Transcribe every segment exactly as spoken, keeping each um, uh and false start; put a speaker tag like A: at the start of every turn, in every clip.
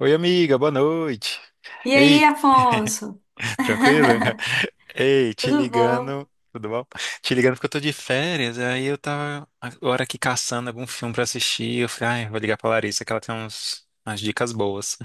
A: Oi, amiga, boa noite.
B: E aí,
A: Ei,
B: Afonso?
A: tranquilo? Ei, te
B: Tudo bom?
A: ligando, tudo bom? Te ligando porque eu tô de férias, aí eu tava agora aqui caçando algum filme pra assistir. Eu falei, ai, vou ligar pra Larissa que ela tem uns, umas dicas boas,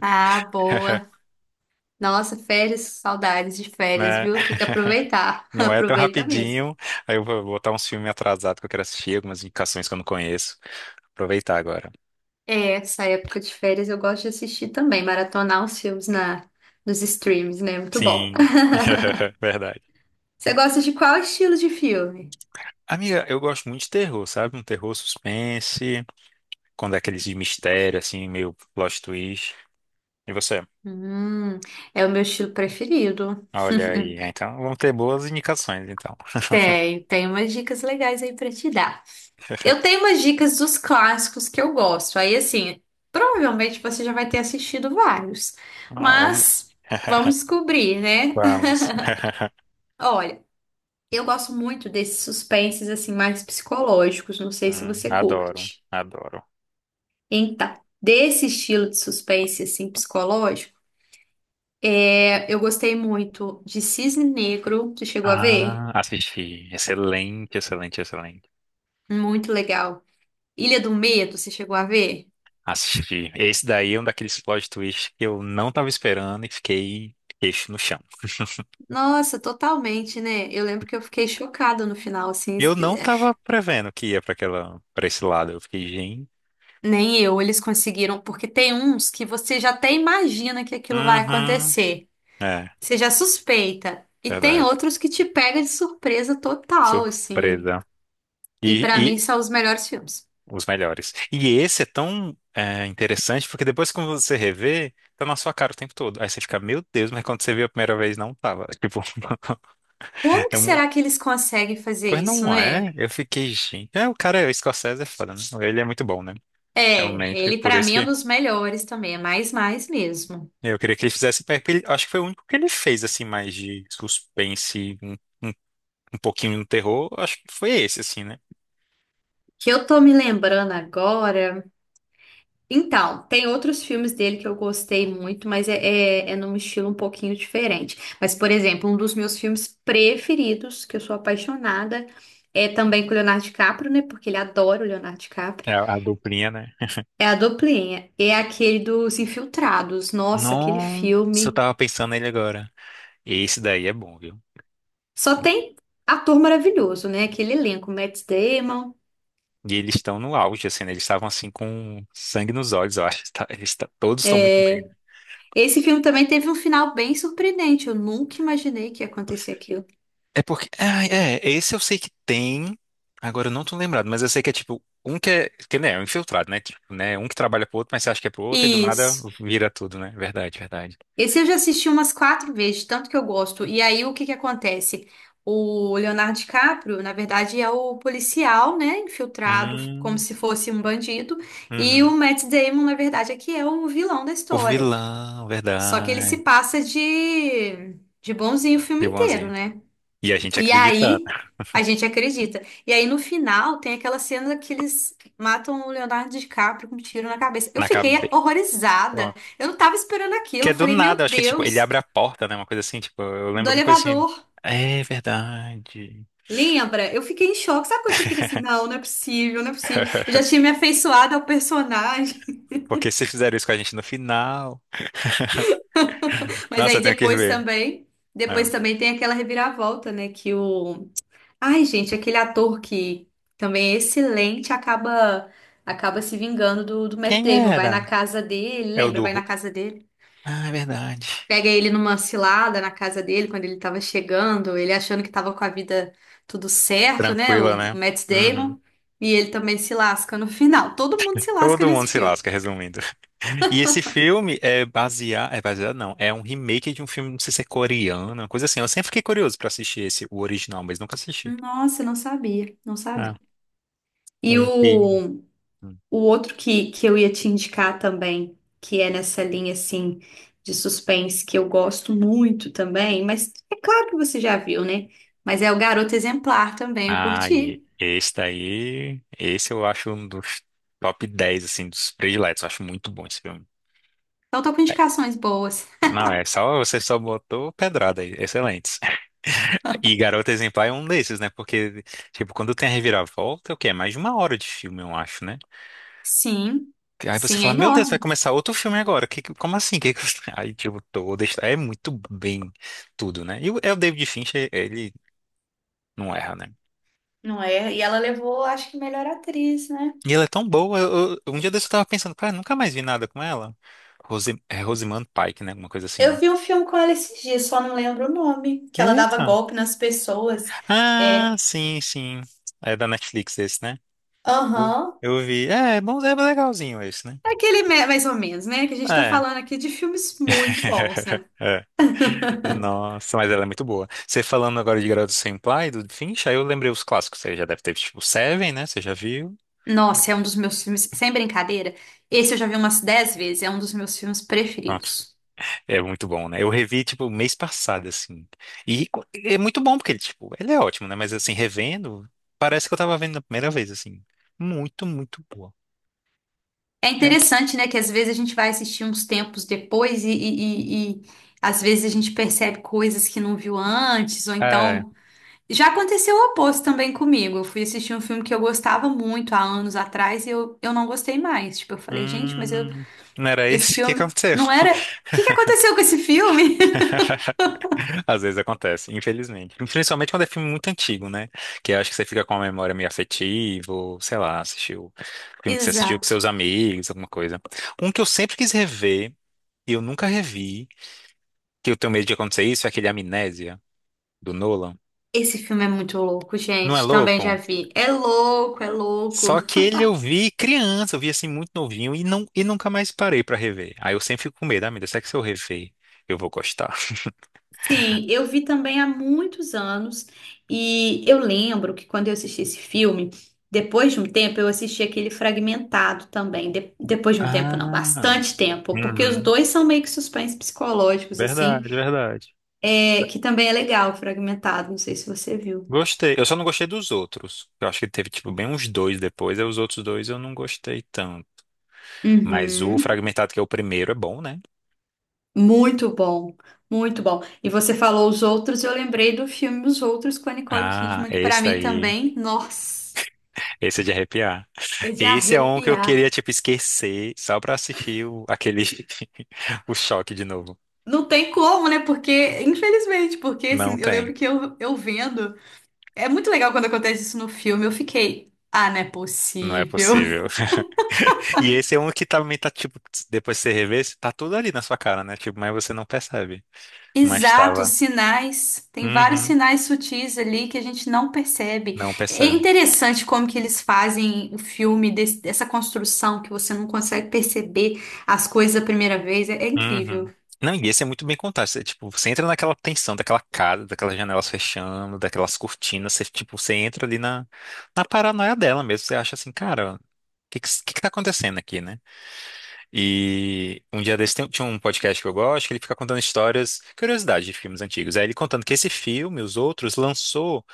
B: Ah, boa. Nossa, férias, saudades de férias,
A: né?
B: viu? Tem que aproveitar.
A: Não é tão
B: Aproveita mesmo.
A: rapidinho. Aí eu vou botar uns filmes atrasados que eu quero assistir, algumas indicações que eu não conheço. Aproveitar agora.
B: É, essa época de férias eu gosto de assistir também, maratonar os filmes na, nos streams, né? Muito bom.
A: Sim, verdade.
B: Você gosta de qual estilo de filme?
A: Amiga, eu gosto muito de terror, sabe? Um terror suspense. Quando é aqueles de mistério, assim, meio plot twist. E você?
B: Hum, É o meu estilo preferido.
A: Olha aí, é, então vamos ter boas indicações, então.
B: Tenho, tenho umas dicas legais aí pra te dar. Eu tenho umas dicas dos clássicos que eu gosto. Aí, assim, provavelmente você já vai ter assistido vários.
A: Ah, vamos.
B: Mas vamos descobrir, né?
A: Vamos.
B: Olha, eu gosto muito desses suspenses, assim, mais psicológicos. Não sei se
A: Hum,
B: você
A: adoro,
B: curte.
A: adoro.
B: Então, desse estilo de suspense, assim, psicológico, é, eu gostei muito de Cisne Negro. Você chegou a ver?
A: Ah, assisti. Excelente, excelente, excelente.
B: Muito legal. Ilha do Medo, você chegou a ver?
A: Assisti. Esse daí é um daqueles plot twists que eu não tava esperando e fiquei queixo no chão.
B: Nossa, totalmente, né? Eu lembro que eu fiquei chocada no final, assim.
A: Eu não tava prevendo que ia pra aquela, para esse lado. Eu fiquei, gente.
B: Nem eu, eles conseguiram, porque tem uns que você já até imagina que aquilo vai
A: Uhum.
B: acontecer.
A: É,
B: Você já suspeita. E tem
A: verdade.
B: outros que te pega de surpresa total, assim.
A: Surpresa.
B: E pra
A: E,
B: mim são os melhores filmes.
A: os melhores. E esse é tão é, interessante porque depois quando você revê, tá na sua cara o tempo todo. Aí você fica, meu Deus, mas quando você viu a primeira vez, não tava. Tipo,
B: Como
A: é
B: que
A: muito...
B: será que eles conseguem fazer
A: Pois
B: isso,
A: não
B: né?
A: é? Eu fiquei, gente. É, o cara, é, o Scorsese é foda, né? Ele é muito bom, né?
B: É,
A: Realmente,
B: ele
A: por
B: pra
A: isso
B: mim é um
A: que
B: dos melhores também, é mais mais mesmo.
A: eu queria que ele fizesse. porque ele- Acho que foi o único que ele fez, assim, mais de suspense, um, um, um pouquinho no terror. Acho que foi esse, assim, né?
B: Que eu tô me lembrando agora. Então, tem outros filmes dele que eu gostei muito, mas é, é, é num estilo um pouquinho diferente. Mas, por exemplo, um dos meus filmes preferidos, que eu sou apaixonada, é também com o Leonardo DiCaprio, né? Porque ele adora o Leonardo DiCaprio.
A: É, a duplinha, né?
B: É a Duplinha. É aquele dos Infiltrados. Nossa, aquele
A: Nossa, eu
B: filme.
A: tava pensando nele agora. Esse daí é bom, viu?
B: Só tem ator maravilhoso, né? Aquele elenco, Matt Damon.
A: E eles estão no auge, assim, né? Eles estavam assim com sangue nos olhos, eu acho. Tá- Eles tá- todos estão muito bem, né?
B: Esse filme também teve um final bem surpreendente. Eu nunca imaginei que ia acontecer aquilo.
A: É porque. Ah, é, esse eu sei que tem. Agora eu não tô lembrado, mas eu sei que é tipo, um que é. Que né, é um infiltrado, né? Tipo, né? Um que trabalha pro outro, mas você acha que é pro outro, e do nada
B: Isso.
A: vira tudo, né? Verdade, verdade.
B: Esse eu já assisti umas quatro vezes, de tanto que eu gosto. E aí, o que que acontece? O Leonardo DiCaprio, na verdade, é o policial, né? Infiltrado como
A: Hum,
B: se fosse um bandido. E o
A: uhum.
B: Matt Damon, na verdade, é que é o vilão da
A: O
B: história.
A: vilão,
B: Só que ele se
A: verdade.
B: passa de, de bonzinho o filme
A: De
B: inteiro,
A: bonzinho.
B: né?
A: E a gente
B: E
A: acreditando.
B: aí, a gente acredita. E aí, no final, tem aquela cena que eles matam o Leonardo DiCaprio com um tiro na cabeça. Eu
A: Na
B: fiquei
A: cabeça.
B: horrorizada.
A: Pronto.
B: Eu não tava esperando
A: Que
B: aquilo.
A: é
B: Eu
A: do
B: falei,
A: nada,
B: meu
A: eu acho que tipo, ele
B: Deus.
A: abre a porta, né? Uma coisa assim, tipo, eu lembro
B: Do
A: alguma coisa assim.
B: elevador.
A: É verdade.
B: Lembra? Eu fiquei em choque. Sabe quando você fica assim, não, não é possível, não é possível. Eu já tinha me afeiçoado ao personagem.
A: Porque se fizeram isso com a gente no final.
B: Mas
A: Nossa, eu
B: aí
A: tenho que
B: depois
A: ver.
B: também,
A: É.
B: depois também tem aquela reviravolta, né, que o ai, gente, aquele ator que também é excelente acaba acaba se vingando do, do Matt
A: Quem
B: Damon, vai na
A: era?
B: casa dele,
A: É o
B: lembra?
A: do.
B: Vai na
A: Ru-
B: casa dele.
A: Ah, é verdade.
B: Pega ele numa cilada na casa dele quando ele tava chegando, ele achando que tava com a vida tudo certo, né?
A: Tranquila,
B: O
A: né?
B: Matt
A: Uhum.
B: Damon. E ele também se lasca no final. Todo mundo se lasca
A: Todo mundo
B: nesse
A: se
B: filme.
A: lasca, resumindo. E esse filme é baseado. É baseado, não. É um remake de um filme, não sei se é coreano, uma coisa assim. Eu sempre fiquei curioso pra assistir esse, o original, mas nunca assisti.
B: Nossa, não sabia, não
A: Ah,
B: sabia. E o,
A: um que.
B: o outro que, que eu ia te indicar também, que é nessa linha assim de suspense, que eu gosto muito também, mas é claro que você já viu, né? Mas é o Garoto Exemplar também, eu
A: Ah,
B: curti.
A: e esse daí. Esse eu acho um dos top dez assim, dos prediletos. Eu acho muito bom esse filme.
B: Então, tô com indicações boas.
A: Não, é só você só botou pedrada aí, excelente. E Garota Exemplar é um desses, né? Porque, tipo, quando tem a reviravolta, é o quê? É mais de uma hora de filme, eu acho, né?
B: Sim,
A: Aí você
B: sim, é
A: fala, meu Deus, vai
B: enorme.
A: começar outro filme agora. Que, que- como assim? Que, que- Aí, tipo, toda. a histó- É muito bem tudo, né? E o, é o David Fincher, ele não erra, né?
B: Não é? E ela levou, acho que melhor atriz, né?
A: E ela é tão boa. Eu- eu- um dia desse eu tava pensando, cara, nunca mais vi nada com ela. Rose, é Rosamund Pike, né? Alguma coisa assim,
B: Eu
A: né?
B: vi um filme com ela esses dias, só não lembro o nome, que ela dava
A: Eita!
B: golpe nas pessoas.
A: Ah,
B: É,
A: sim, sim. É da Netflix esse, né? Eu,
B: aham.
A: eu vi. É, é bom, é legalzinho esse, né?
B: É aquele me- mais ou menos, né? Que a gente tá
A: É.
B: falando aqui de filmes muito bons, né?
A: É. Nossa, mas ela é muito boa. Você falando agora de Garota Senpai, do Finch, aí eu lembrei os clássicos. Você já deve ter, tipo, Seven, né? Você já viu?
B: Nossa, é um dos meus filmes, sem brincadeira. Esse eu já vi umas dez vezes, é um dos meus filmes
A: Pronto.
B: preferidos.
A: É muito bom, né? Eu revi, tipo, mês passado, assim. E co- é muito bom, porque ele, tipo, ele é ótimo, né? Mas, assim, revendo, parece que eu tava vendo na primeira vez, assim. Muito, muito boa.
B: É
A: É.
B: interessante, né? Que às vezes a gente vai assistir uns tempos depois e, e, e- e às vezes a gente percebe coisas que não viu antes, ou
A: É.
B: então. Já aconteceu o oposto também comigo. Eu fui assistir um filme que eu gostava muito há anos atrás e eu, eu não gostei mais. Tipo, eu falei, gente, mas eu,
A: Hum, não era
B: esse
A: esse? O que
B: filme
A: aconteceu?
B: não era. O que que aconteceu com esse filme?
A: Às vezes acontece, infelizmente. Principalmente quando é filme muito antigo, né? Que eu acho que você fica com uma memória meio afetiva, ou sei lá, assistiu filme que você assistiu com
B: Exato.
A: seus amigos, alguma coisa. Um que eu sempre quis rever, e eu nunca revi, que eu tenho medo de acontecer isso, é aquele Amnésia, do Nolan.
B: Esse filme é muito louco,
A: Não é
B: gente. Também
A: louco?
B: já vi. É louco, é louco.
A: Só que ele eu vi criança, eu vi assim muito novinho e, não, e nunca mais parei pra rever. Aí eu sempre fico com medo, ah, meu Deus, será que se eu rever, eu vou gostar?
B: Sim, eu vi também há muitos anos e eu lembro que quando eu assisti esse filme, depois de um tempo eu assisti aquele fragmentado também, de- depois de um
A: Ah,
B: tempo não, bastante tempo, porque os
A: uhum,
B: dois são meio que suspense psicológicos assim,
A: verdade, verdade.
B: é, que também é legal, fragmentado, não sei se você viu.
A: Gostei. Eu só não gostei dos outros. Eu acho que teve, tipo, bem uns dois depois. Aí os outros dois eu não gostei tanto. Mas o
B: Uhum.
A: Fragmentado, que é o primeiro, é bom, né?
B: Muito bom, muito bom. E você falou os outros, eu lembrei do filme Os Outros com a Nicole
A: Ah,
B: Kidman, que pra
A: esse
B: mim
A: aí.
B: também, nossa,
A: Esse é de arrepiar.
B: é de
A: Esse é um que eu queria,
B: arrepiar.
A: tipo, esquecer só pra assistir o, aquele... o choque de novo.
B: Não tem como, né? Porque, infelizmente, porque
A: Não
B: assim, eu
A: tem.
B: lembro que eu, eu vendo. É muito legal quando acontece isso no filme. Eu fiquei, ah, não é
A: Não é
B: possível.
A: possível. E esse é um que também tá, tipo, depois que você rever, tá tudo ali na sua cara, né? Tipo, mas você não percebe. Mas
B: Exato,
A: tava.
B: sinais. Tem vários
A: Uhum,
B: sinais sutis ali que a gente não percebe.
A: não
B: É
A: percebe.
B: interessante como que eles fazem o filme desse- dessa construção que você não consegue perceber as coisas a primeira vez. É, é incrível.
A: Uhum. Não, e esse é muito bem contado. Você, tipo, você entra naquela tensão daquela casa, daquelas janelas fechando, daquelas cortinas. Você, tipo, você entra ali na, na paranoia dela mesmo. Você acha assim, cara, o que, que, que que tá acontecendo aqui, né? E um dia desse tem- tinha um podcast que eu gosto, que ele fica contando histórias, curiosidades de filmes antigos. Aí ele contando que esse filme, os outros, lançou,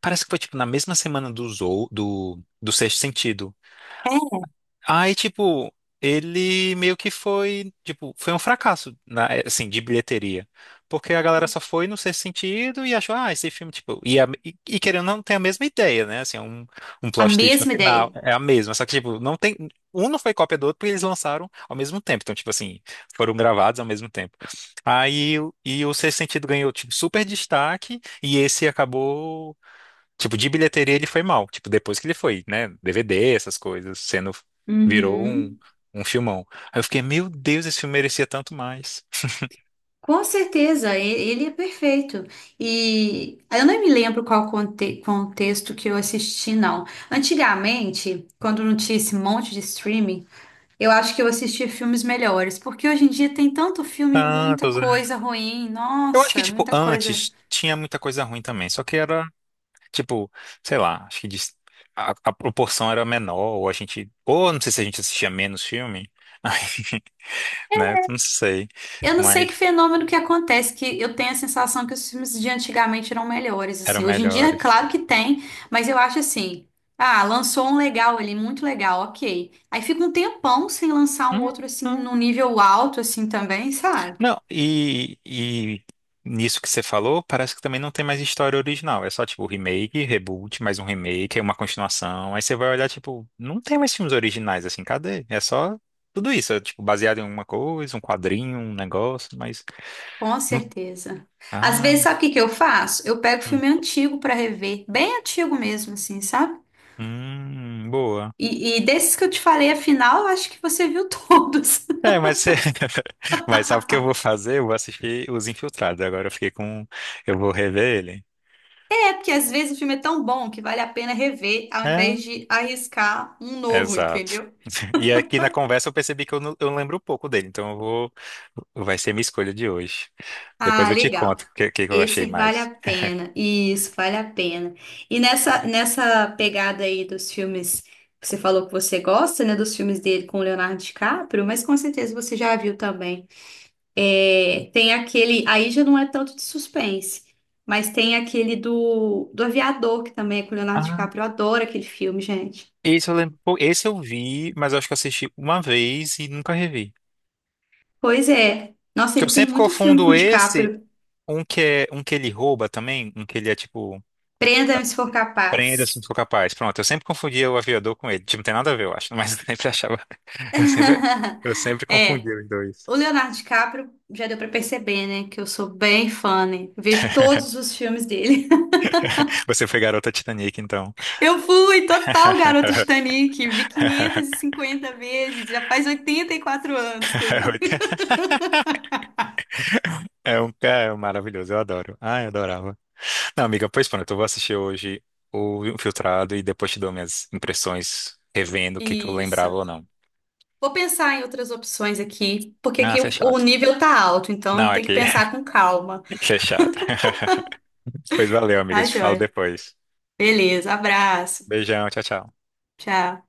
A: parece que foi, tipo, na mesma semana dos, ou- do, do Sexto Sentido.
B: É
A: Aí, tipo, ele meio que foi, tipo, foi um fracasso, na- assim, de bilheteria. Porque a galera só foi no sexto sentido e achou, ah, esse filme, tipo, e, a- e- e querendo ou não tem a mesma ideia, né? Assim, é um, um,
B: a
A: plot twist no
B: mesma
A: final
B: ideia.
A: é a mesma, só que, tipo, não tem, um não foi cópia do outro porque eles lançaram ao mesmo tempo. Então, tipo assim, foram gravados ao mesmo tempo. Aí, o- e o sexto sentido ganhou, tipo, super destaque e esse acabou. Tipo, de bilheteria ele foi mal. Tipo, depois que ele foi, né? D V D, essas coisas, sendo. Virou um,
B: Uhum.
A: um filmão. Aí eu fiquei, meu Deus, esse filme merecia tanto mais.
B: Com certeza, e- ele é perfeito. E eu não me lembro qual conte- contexto que eu assisti, não. Antigamente, quando não tinha esse monte de streaming, eu acho que eu assistia filmes melhores, porque hoje em dia tem tanto filme, muita
A: Tantos, é.
B: coisa ruim,
A: Eu acho que,
B: nossa,
A: tipo,
B: muita coisa.
A: antes tinha muita coisa ruim também. Só que era, tipo, sei lá, acho que dis- a, a proporção era menor, ou a gente. Ou não sei se a gente assistia menos filme. Aí, né? Não sei.
B: Eu não
A: Mas
B: sei que fenômeno que acontece, que eu tenho a sensação que os filmes de antigamente eram melhores,
A: eram
B: assim. Hoje em dia,
A: melhores.
B: claro que tem, mas eu acho assim, ah, lançou um legal ali, muito legal, ok. Aí fica um tempão sem lançar um outro, assim,
A: Uhum.
B: num nível alto, assim, também, sabe?
A: Não, e, e nisso que você falou, parece que também não tem mais história original. É só tipo remake, reboot, mais um remake, aí uma continuação. Aí você vai olhar, tipo, não tem mais filmes originais assim, cadê? É só tudo isso, é, tipo, baseado em alguma coisa, um quadrinho, um negócio, mas.
B: Com
A: não-
B: certeza. Às
A: Ah,
B: vezes, sabe o que que eu faço? Eu pego filme antigo pra rever, bem antigo mesmo, assim, sabe?
A: hum, boa.
B: E, e desses que eu te falei, afinal, eu acho que você viu todos.
A: É, mas você... mas sabe o que eu vou fazer? Eu vou assistir Os Infiltrados. Agora eu fiquei com. Eu vou rever ele.
B: Porque às vezes o filme é tão bom que vale a pena rever ao
A: É.
B: invés de arriscar um novo,
A: Exato.
B: entendeu?
A: E aqui na conversa eu percebi que eu, não- eu lembro um pouco dele, então eu vou, vai ser minha escolha de hoje. Depois
B: Ah,
A: eu te conto
B: legal.
A: o que, que eu achei
B: Esse vale
A: mais.
B: a pena. Isso, vale a pena. E nessa, nessa pegada aí dos filmes que você falou que você gosta, né? Dos filmes dele com o Leonardo DiCaprio, mas com certeza você já viu também. É, tem aquele. Aí já não é tanto de suspense, mas tem aquele do, do Aviador, que também é com o Leonardo
A: Ah,
B: DiCaprio. Eu adoro aquele filme, gente.
A: esse eu lembro, pou- esse eu vi, mas eu acho que eu assisti uma vez e nunca revi.
B: Pois é. Nossa,
A: Que eu
B: ele tem
A: sempre
B: muito filme com
A: confundo
B: o
A: esse,
B: DiCaprio.
A: um que é um que ele rouba também, um que ele é tipo,
B: Prenda-me se for
A: prenda se não
B: capaz.
A: for capaz. Pronto, eu sempre confundia o aviador com ele. Tipo, não tem nada a ver, eu acho, mas eu sempre achava, eu sempre, eu sempre
B: É,
A: confundia os dois.
B: o Leonardo DiCaprio já deu pra perceber, né? Que eu sou bem fã, né? Vejo todos os filmes dele.
A: Você foi garota Titanic, então.
B: Eu fui total garota Titanic, vi quinhentas e cinquenta vezes, já faz oitenta e quatro anos que eu vi.
A: É, oito- é um cara maravilhoso, eu adoro. Ah, eu adorava. Não, amiga, pois pronto, eu vou assistir hoje o Infiltrado e depois te dou minhas impressões, revendo o que que eu lembrava ou
B: Isso.
A: não.
B: Vou pensar em outras opções aqui, porque
A: Ah,
B: aqui o, o
A: fechado.
B: nível tá alto,
A: Não,
B: então tem que
A: aqui,
B: pensar com calma.
A: fechado. Pois valeu, amiga,
B: Tá,
A: te falo
B: joia?
A: depois.
B: Beleza, abraço.
A: Beijão, tchau, tchau.
B: Tchau.